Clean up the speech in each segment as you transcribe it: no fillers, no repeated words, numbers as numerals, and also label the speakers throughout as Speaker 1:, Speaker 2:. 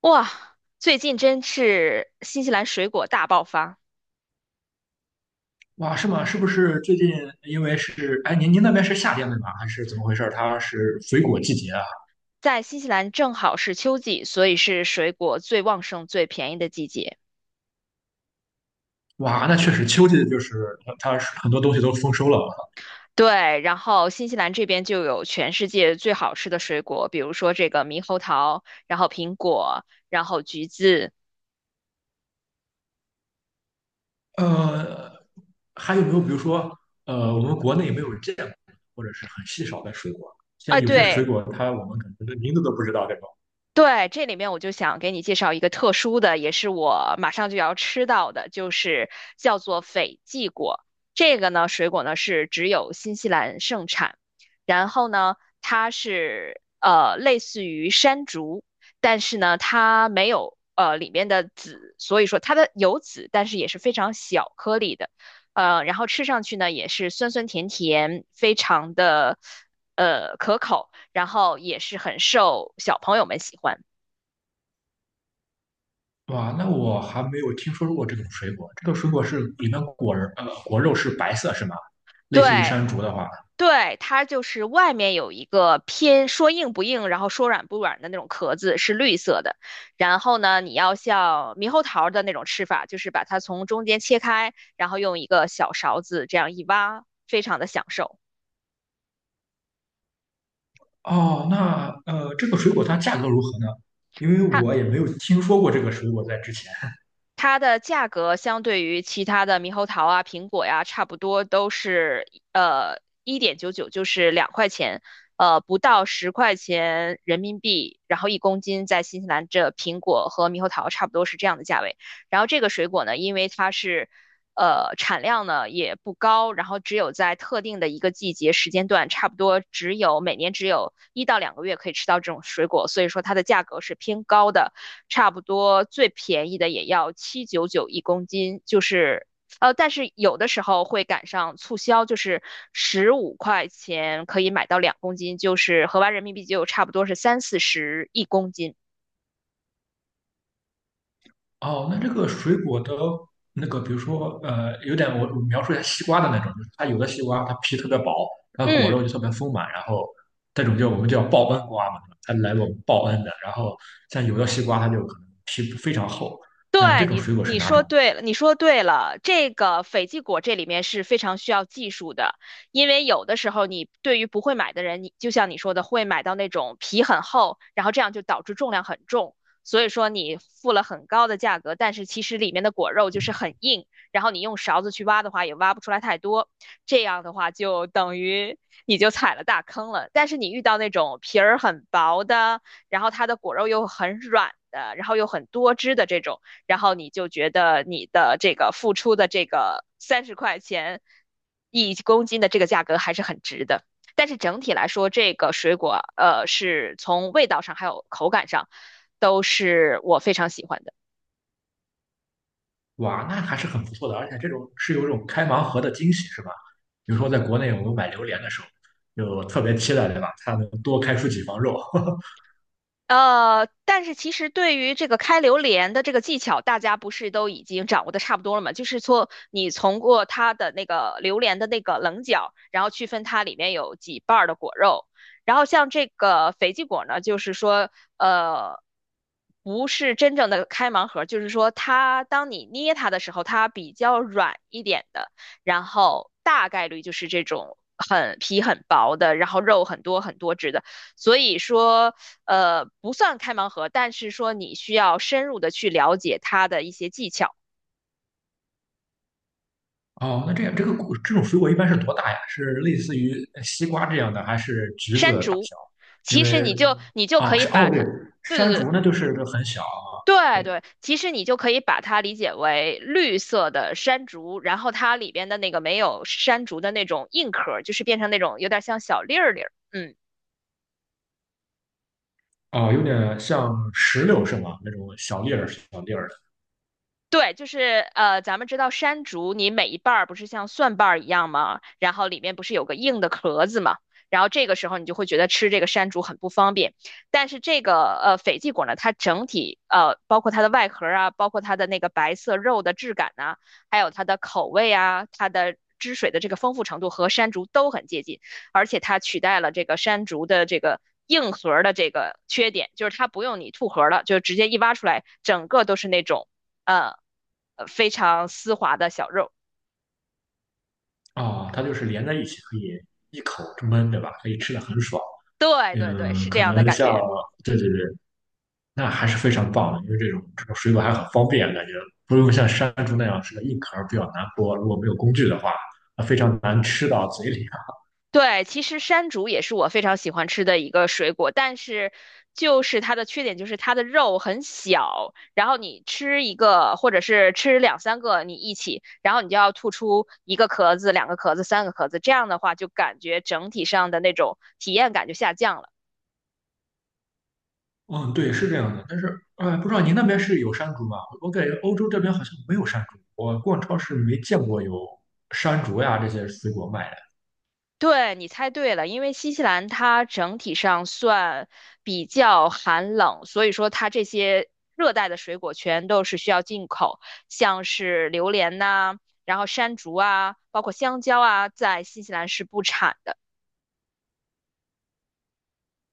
Speaker 1: 哇，最近真是新西兰水果大爆发。
Speaker 2: 哇，是吗？是不是最近因为是，哎，您那边是夏天对吧？还是怎么回事？它是水果季节啊？
Speaker 1: 在新西兰正好是秋季，所以是水果最旺盛、最便宜的季节。
Speaker 2: 哇，那确实秋季就是它是很多东西都丰收了啊。
Speaker 1: 对，然后新西兰这边就有全世界最好吃的水果，比如说这个猕猴桃，然后苹果，然后橘子。
Speaker 2: 呃，还有没有比如说，我们国内没有见过或者是很稀少的水果？现
Speaker 1: 啊，
Speaker 2: 在有些水
Speaker 1: 对，
Speaker 2: 果它我们可能连名字都不知道这种。
Speaker 1: 对，这里面我就想给你介绍一个特殊的，也是我马上就要吃到的，就是叫做斐济果。这个呢，水果呢是只有新西兰盛产，然后呢，它是类似于山竹，但是呢，它没有里面的籽，所以说它的有籽，但是也是非常小颗粒的。然后吃上去呢也是酸酸甜甜，非常的可口。然后也是很受小朋友们喜欢。
Speaker 2: 哇，那我还没有听说过这种水果。这个水果是里面果肉是白色是吗？类似于
Speaker 1: 对
Speaker 2: 山竹的话。
Speaker 1: 对，它就是外面有一个偏说硬不硬，然后说软不软的那种壳子，是绿色的。然后呢，你要像猕猴桃的那种吃法，就是把它从中间切开，然后用一个小勺子这样一挖，非常的享受。
Speaker 2: 哦，那这个水果它价格如何呢？因为
Speaker 1: 它
Speaker 2: 我也没有听说过这个水果在之前。
Speaker 1: 它的价格相对于其他的猕猴桃啊、苹果呀、差不多都是1.99，就是2块钱，不到十块钱人民币，然后一公斤。在新西兰这苹果和猕猴桃差不多是这样的价位。然后这个水果呢，因为它是产量呢也不高，然后只有在特定的一个季节时间段，差不多只有每年只有1到2个月可以吃到这种水果，所以说它的价格是偏高的。差不多最便宜的也要7.99一公斤，就是但是有的时候会赶上促销，就是15块钱可以买到2公斤，就是合完人民币就差不多是30到40一公斤。
Speaker 2: 哦，那这个水果的那个，比如说有点我描述一下西瓜的那种，就是它有的西瓜它皮特别薄，它果肉
Speaker 1: 嗯。
Speaker 2: 就特别丰满，然后这种叫我们叫报恩瓜嘛，它来我们报恩的。然后像有的西瓜它就可能皮非常厚，那这
Speaker 1: 对，
Speaker 2: 种
Speaker 1: 你，
Speaker 2: 水果是
Speaker 1: 你
Speaker 2: 哪
Speaker 1: 说
Speaker 2: 种？
Speaker 1: 对了，你说对了。这个斐济果这里面是非常需要技术的，因为有的时候你对于不会买的人，你就像你说的，会买到那种皮很厚，然后这样就导致重量很重。所以说你付了很高的价格，但是其实里面的果肉就是很硬，然后你用勺子去挖的话也挖不出来太多，这样的话就等于你就踩了大坑了。但是你遇到那种皮儿很薄的，然后它的果肉又很软的，然后又很多汁的这种。然后你就觉得你的这个付出的这个30块钱一公斤的这个价格还是很值的。但是整体来说，这个水果是从味道上还有口感上都是我非常喜欢的。
Speaker 2: 哇，那还是很不错的，而且这种是有一种开盲盒的惊喜，是吧？比如说在国内我们买榴莲的时候，就特别期待，对吧？它能多开出几房肉。
Speaker 1: 但是其实对于这个开榴莲的这个技巧，大家不是都已经掌握的差不多了吗？就是说，你从过它的那个榴莲的那个棱角，然后区分它里面有几瓣儿的果肉。然后像这个肥鸡果呢，就是说，呃，不是真正的开盲盒，就是说它当你捏它的时候，它比较软一点的，然后大概率就是这种很皮很薄的，然后肉很多很多汁的。所以说，不算开盲盒，但是说你需要深入的去了解它的一些技巧。
Speaker 2: 哦，那这样这个果这种水果一般是多大呀？是类似于西瓜这样的，还是橘子大小？因
Speaker 1: 其实
Speaker 2: 为
Speaker 1: 你就可
Speaker 2: 哦
Speaker 1: 以
Speaker 2: 是哦
Speaker 1: 把
Speaker 2: 对，
Speaker 1: 它，对对
Speaker 2: 山
Speaker 1: 对
Speaker 2: 竹那就很小啊，
Speaker 1: 对
Speaker 2: 对
Speaker 1: 对，其实你就可以把它理解为绿色的山竹，然后它里边的那个没有山竹的那种硬壳就是变成那种有点像小粒儿粒儿，嗯。
Speaker 2: 哦有点像石榴是吗？那种小粒儿小粒儿的
Speaker 1: 对，就是咱们知道山竹，你每一瓣儿不是像蒜瓣儿一样吗？然后里面不是有个硬的壳子吗？然后这个时候你就会觉得吃这个山竹很不方便。但是这个斐济果呢，它整体包括它的外壳啊，包括它的那个白色肉的质感呐、还有它的口味啊，它的汁水的这个丰富程度和山竹都很接近，而且它取代了这个山竹的这个。硬核儿的这个缺点就是它不用你吐核儿了，就直接一挖出来，整个都是那种呃非常丝滑的小肉。
Speaker 2: 哦，它就是连在一起可以一口闷，对吧？可以吃的很爽。
Speaker 1: 对对对，
Speaker 2: 嗯，
Speaker 1: 是这
Speaker 2: 可
Speaker 1: 样的
Speaker 2: 能
Speaker 1: 感
Speaker 2: 像，
Speaker 1: 觉。
Speaker 2: 对对对，那还是非常棒的，因为这种水果还很方便，感觉不用像山竹那样是个硬壳儿比较难剥，如果没有工具的话，那非常难吃到嘴里啊。
Speaker 1: 对，其实山竹也是我非常喜欢吃的一个水果，但是就是它的缺点就是它的肉很小，然后你吃一个或者是吃两三个你一起，然后你就要吐出一个壳子、两个壳子、三个壳子，这样的话就感觉整体上的那种体验感就下降了。
Speaker 2: 嗯，对，是这样的，但是哎，不知道您那边是有山竹吗？我感觉欧洲这边好像没有山竹，我逛超市没见过有山竹呀这些水果卖的。
Speaker 1: 对，你猜对了，因为新西兰它整体上算比较寒冷，所以说它这些热带的水果全都是需要进口，像是榴莲呐、然后山竹啊，包括香蕉啊，在新西兰是不产的。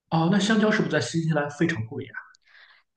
Speaker 2: 哦，那香蕉是不是在新西兰非常贵？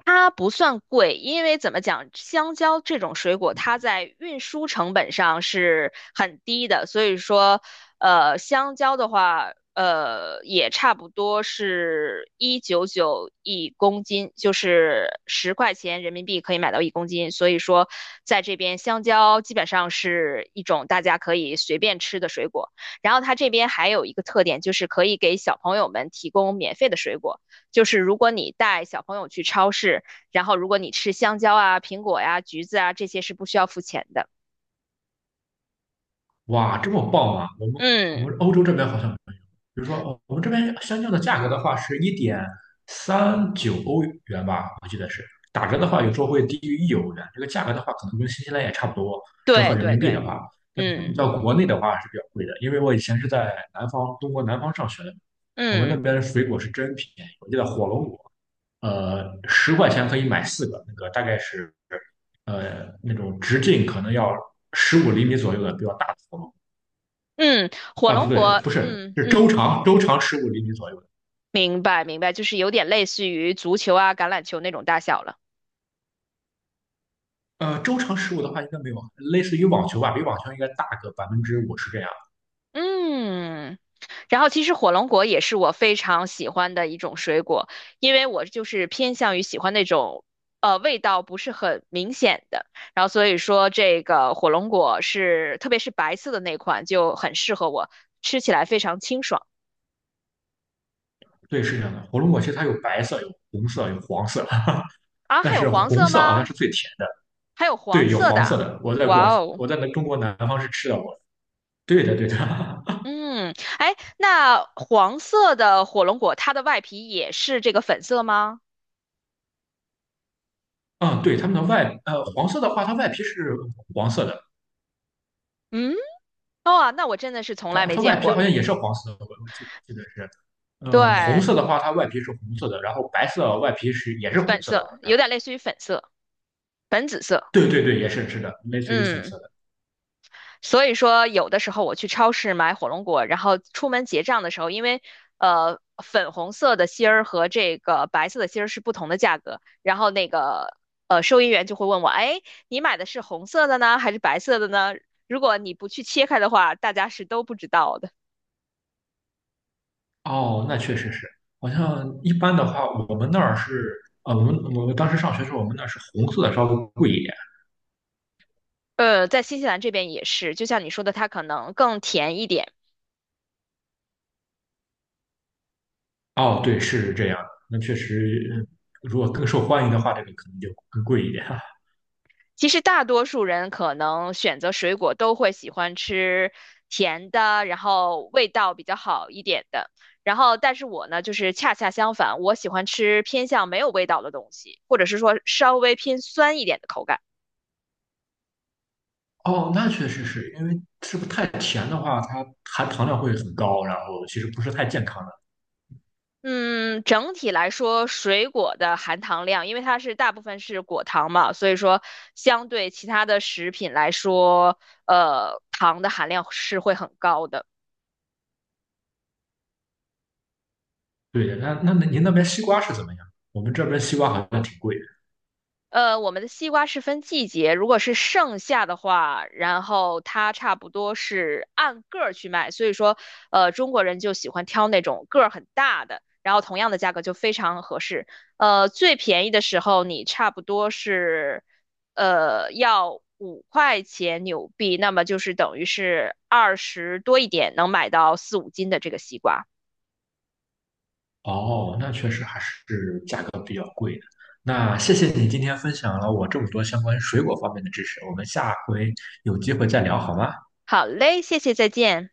Speaker 1: 它不算贵，因为怎么讲，香蕉这种水果，它在运输成本上是很低的，所以说，香蕉的话，也差不多是1.99一公斤，就是十块钱人民币可以买到一公斤，所以说，在这边香蕉基本上是一种大家可以随便吃的水果。然后它这边还有一个特点，就是可以给小朋友们提供免费的水果。就是如果你带小朋友去超市，然后如果你吃香蕉啊、苹果呀、橘子啊，这些是不需要付钱的。
Speaker 2: 哇，这么棒啊！我们我
Speaker 1: 嗯，
Speaker 2: 们欧洲这边好像没有，比如说哦我们这边香蕉的价格的话是1.39欧元吧，我记得是打折的话，有时候会低于1欧元。这个价格的话，可能跟新西兰也差不多，折合
Speaker 1: 对
Speaker 2: 人
Speaker 1: 对
Speaker 2: 民币的
Speaker 1: 对，
Speaker 2: 话，但相比
Speaker 1: 嗯
Speaker 2: 较国内的话是比较贵的，因为我以前是在南方，中国南方上学的，我们那
Speaker 1: 嗯
Speaker 2: 边的水果是真便宜，我记得火龙果，10块钱可以买四个，那个大概是那种直径可能要十五厘米左右的比较大的火龙。
Speaker 1: 嗯，火
Speaker 2: 啊，不
Speaker 1: 龙
Speaker 2: 对，
Speaker 1: 果，
Speaker 2: 不是，
Speaker 1: 嗯
Speaker 2: 是周
Speaker 1: 嗯，
Speaker 2: 长，周长十五厘米左右的。
Speaker 1: 明白明白，就是有点类似于足球啊、橄榄球那种大小了。
Speaker 2: 周长十五的话应该没有，类似于网球吧，比网球应该大个50%这样。
Speaker 1: 嗯，然后其实火龙果也是我非常喜欢的一种水果，因为我就是偏向于喜欢那种味道不是很明显的，然后所以说这个火龙果是特别是白色的那款就很适合我，吃起来非常清爽
Speaker 2: 对，是这样的。火龙果其实它有白色、有红色、有黄色，
Speaker 1: 啊。
Speaker 2: 但
Speaker 1: 还有
Speaker 2: 是
Speaker 1: 黄
Speaker 2: 红
Speaker 1: 色
Speaker 2: 色好像
Speaker 1: 吗？
Speaker 2: 是最甜的。
Speaker 1: 还有黄
Speaker 2: 对，有
Speaker 1: 色的，
Speaker 2: 黄色的。
Speaker 1: 哇哦，
Speaker 2: 我在那中国南方是吃到过的。对的，对的。
Speaker 1: 嗯，哎，那黄色的火龙果它的外皮也是这个粉色吗？
Speaker 2: 嗯，对，它们的外，呃，黄色的话，它外皮是黄色的，
Speaker 1: 嗯，哦啊，那我真的是从
Speaker 2: 它
Speaker 1: 来没
Speaker 2: 它外
Speaker 1: 见
Speaker 2: 皮
Speaker 1: 过。
Speaker 2: 好像也是黄色的，我记得是。红
Speaker 1: 对，
Speaker 2: 色的话，它外皮是红色的，然后白色外皮是也是红
Speaker 1: 粉
Speaker 2: 色的，
Speaker 1: 色，
Speaker 2: 好像。
Speaker 1: 有点类似于粉色、粉紫色。
Speaker 2: 对对对，也是的，类似于粉
Speaker 1: 嗯，
Speaker 2: 色的。
Speaker 1: 所以说有的时候我去超市买火龙果，然后出门结账的时候，因为粉红色的芯儿和这个白色的芯儿是不同的价格，然后那个收银员就会问我，哎，你买的是红色的呢，还是白色的呢？如果你不去切开的话，大家是都不知道的。
Speaker 2: 哦，那确实是。好像一般的话，我们那儿是，我们当时上学的时候，我们那儿是红色的稍微贵一点。
Speaker 1: 在新西兰这边也是，就像你说的，它可能更甜一点。
Speaker 2: 哦，对，是这样的。那确实，如果更受欢迎的话，这个可能就更贵一点。
Speaker 1: 其实大多数人可能选择水果都会喜欢吃甜的，然后味道比较好一点的。然后，但是我呢，就是恰恰相反，我喜欢吃偏向没有味道的东西，或者是说稍微偏酸一点的口感。
Speaker 2: 哦，那确实是因为是不是太甜的话，它含糖量会很高，然后其实不是太健康的。
Speaker 1: 嗯，整体来说，水果的含糖量，因为它是大部分是果糖嘛，所以说相对其他的食品来说，糖的含量是会很高的。
Speaker 2: 对的，那您那边西瓜是怎么样？我们这边西瓜好像挺贵。
Speaker 1: 我们的西瓜是分季节，如果是盛夏的话，然后它差不多是按个儿去卖，所以说，中国人就喜欢挑那种个儿很大的，然后同样的价格就非常合适。最便宜的时候你差不多是，要5块钱纽币，那么就是等于是20多一点能买到4到5斤的这个西瓜。
Speaker 2: 哦，那确实还是价格比较贵的。那谢谢你今天分享了我这么多相关水果方面的知识，我们下回有机会再聊好吗？
Speaker 1: 好嘞，谢谢，再见。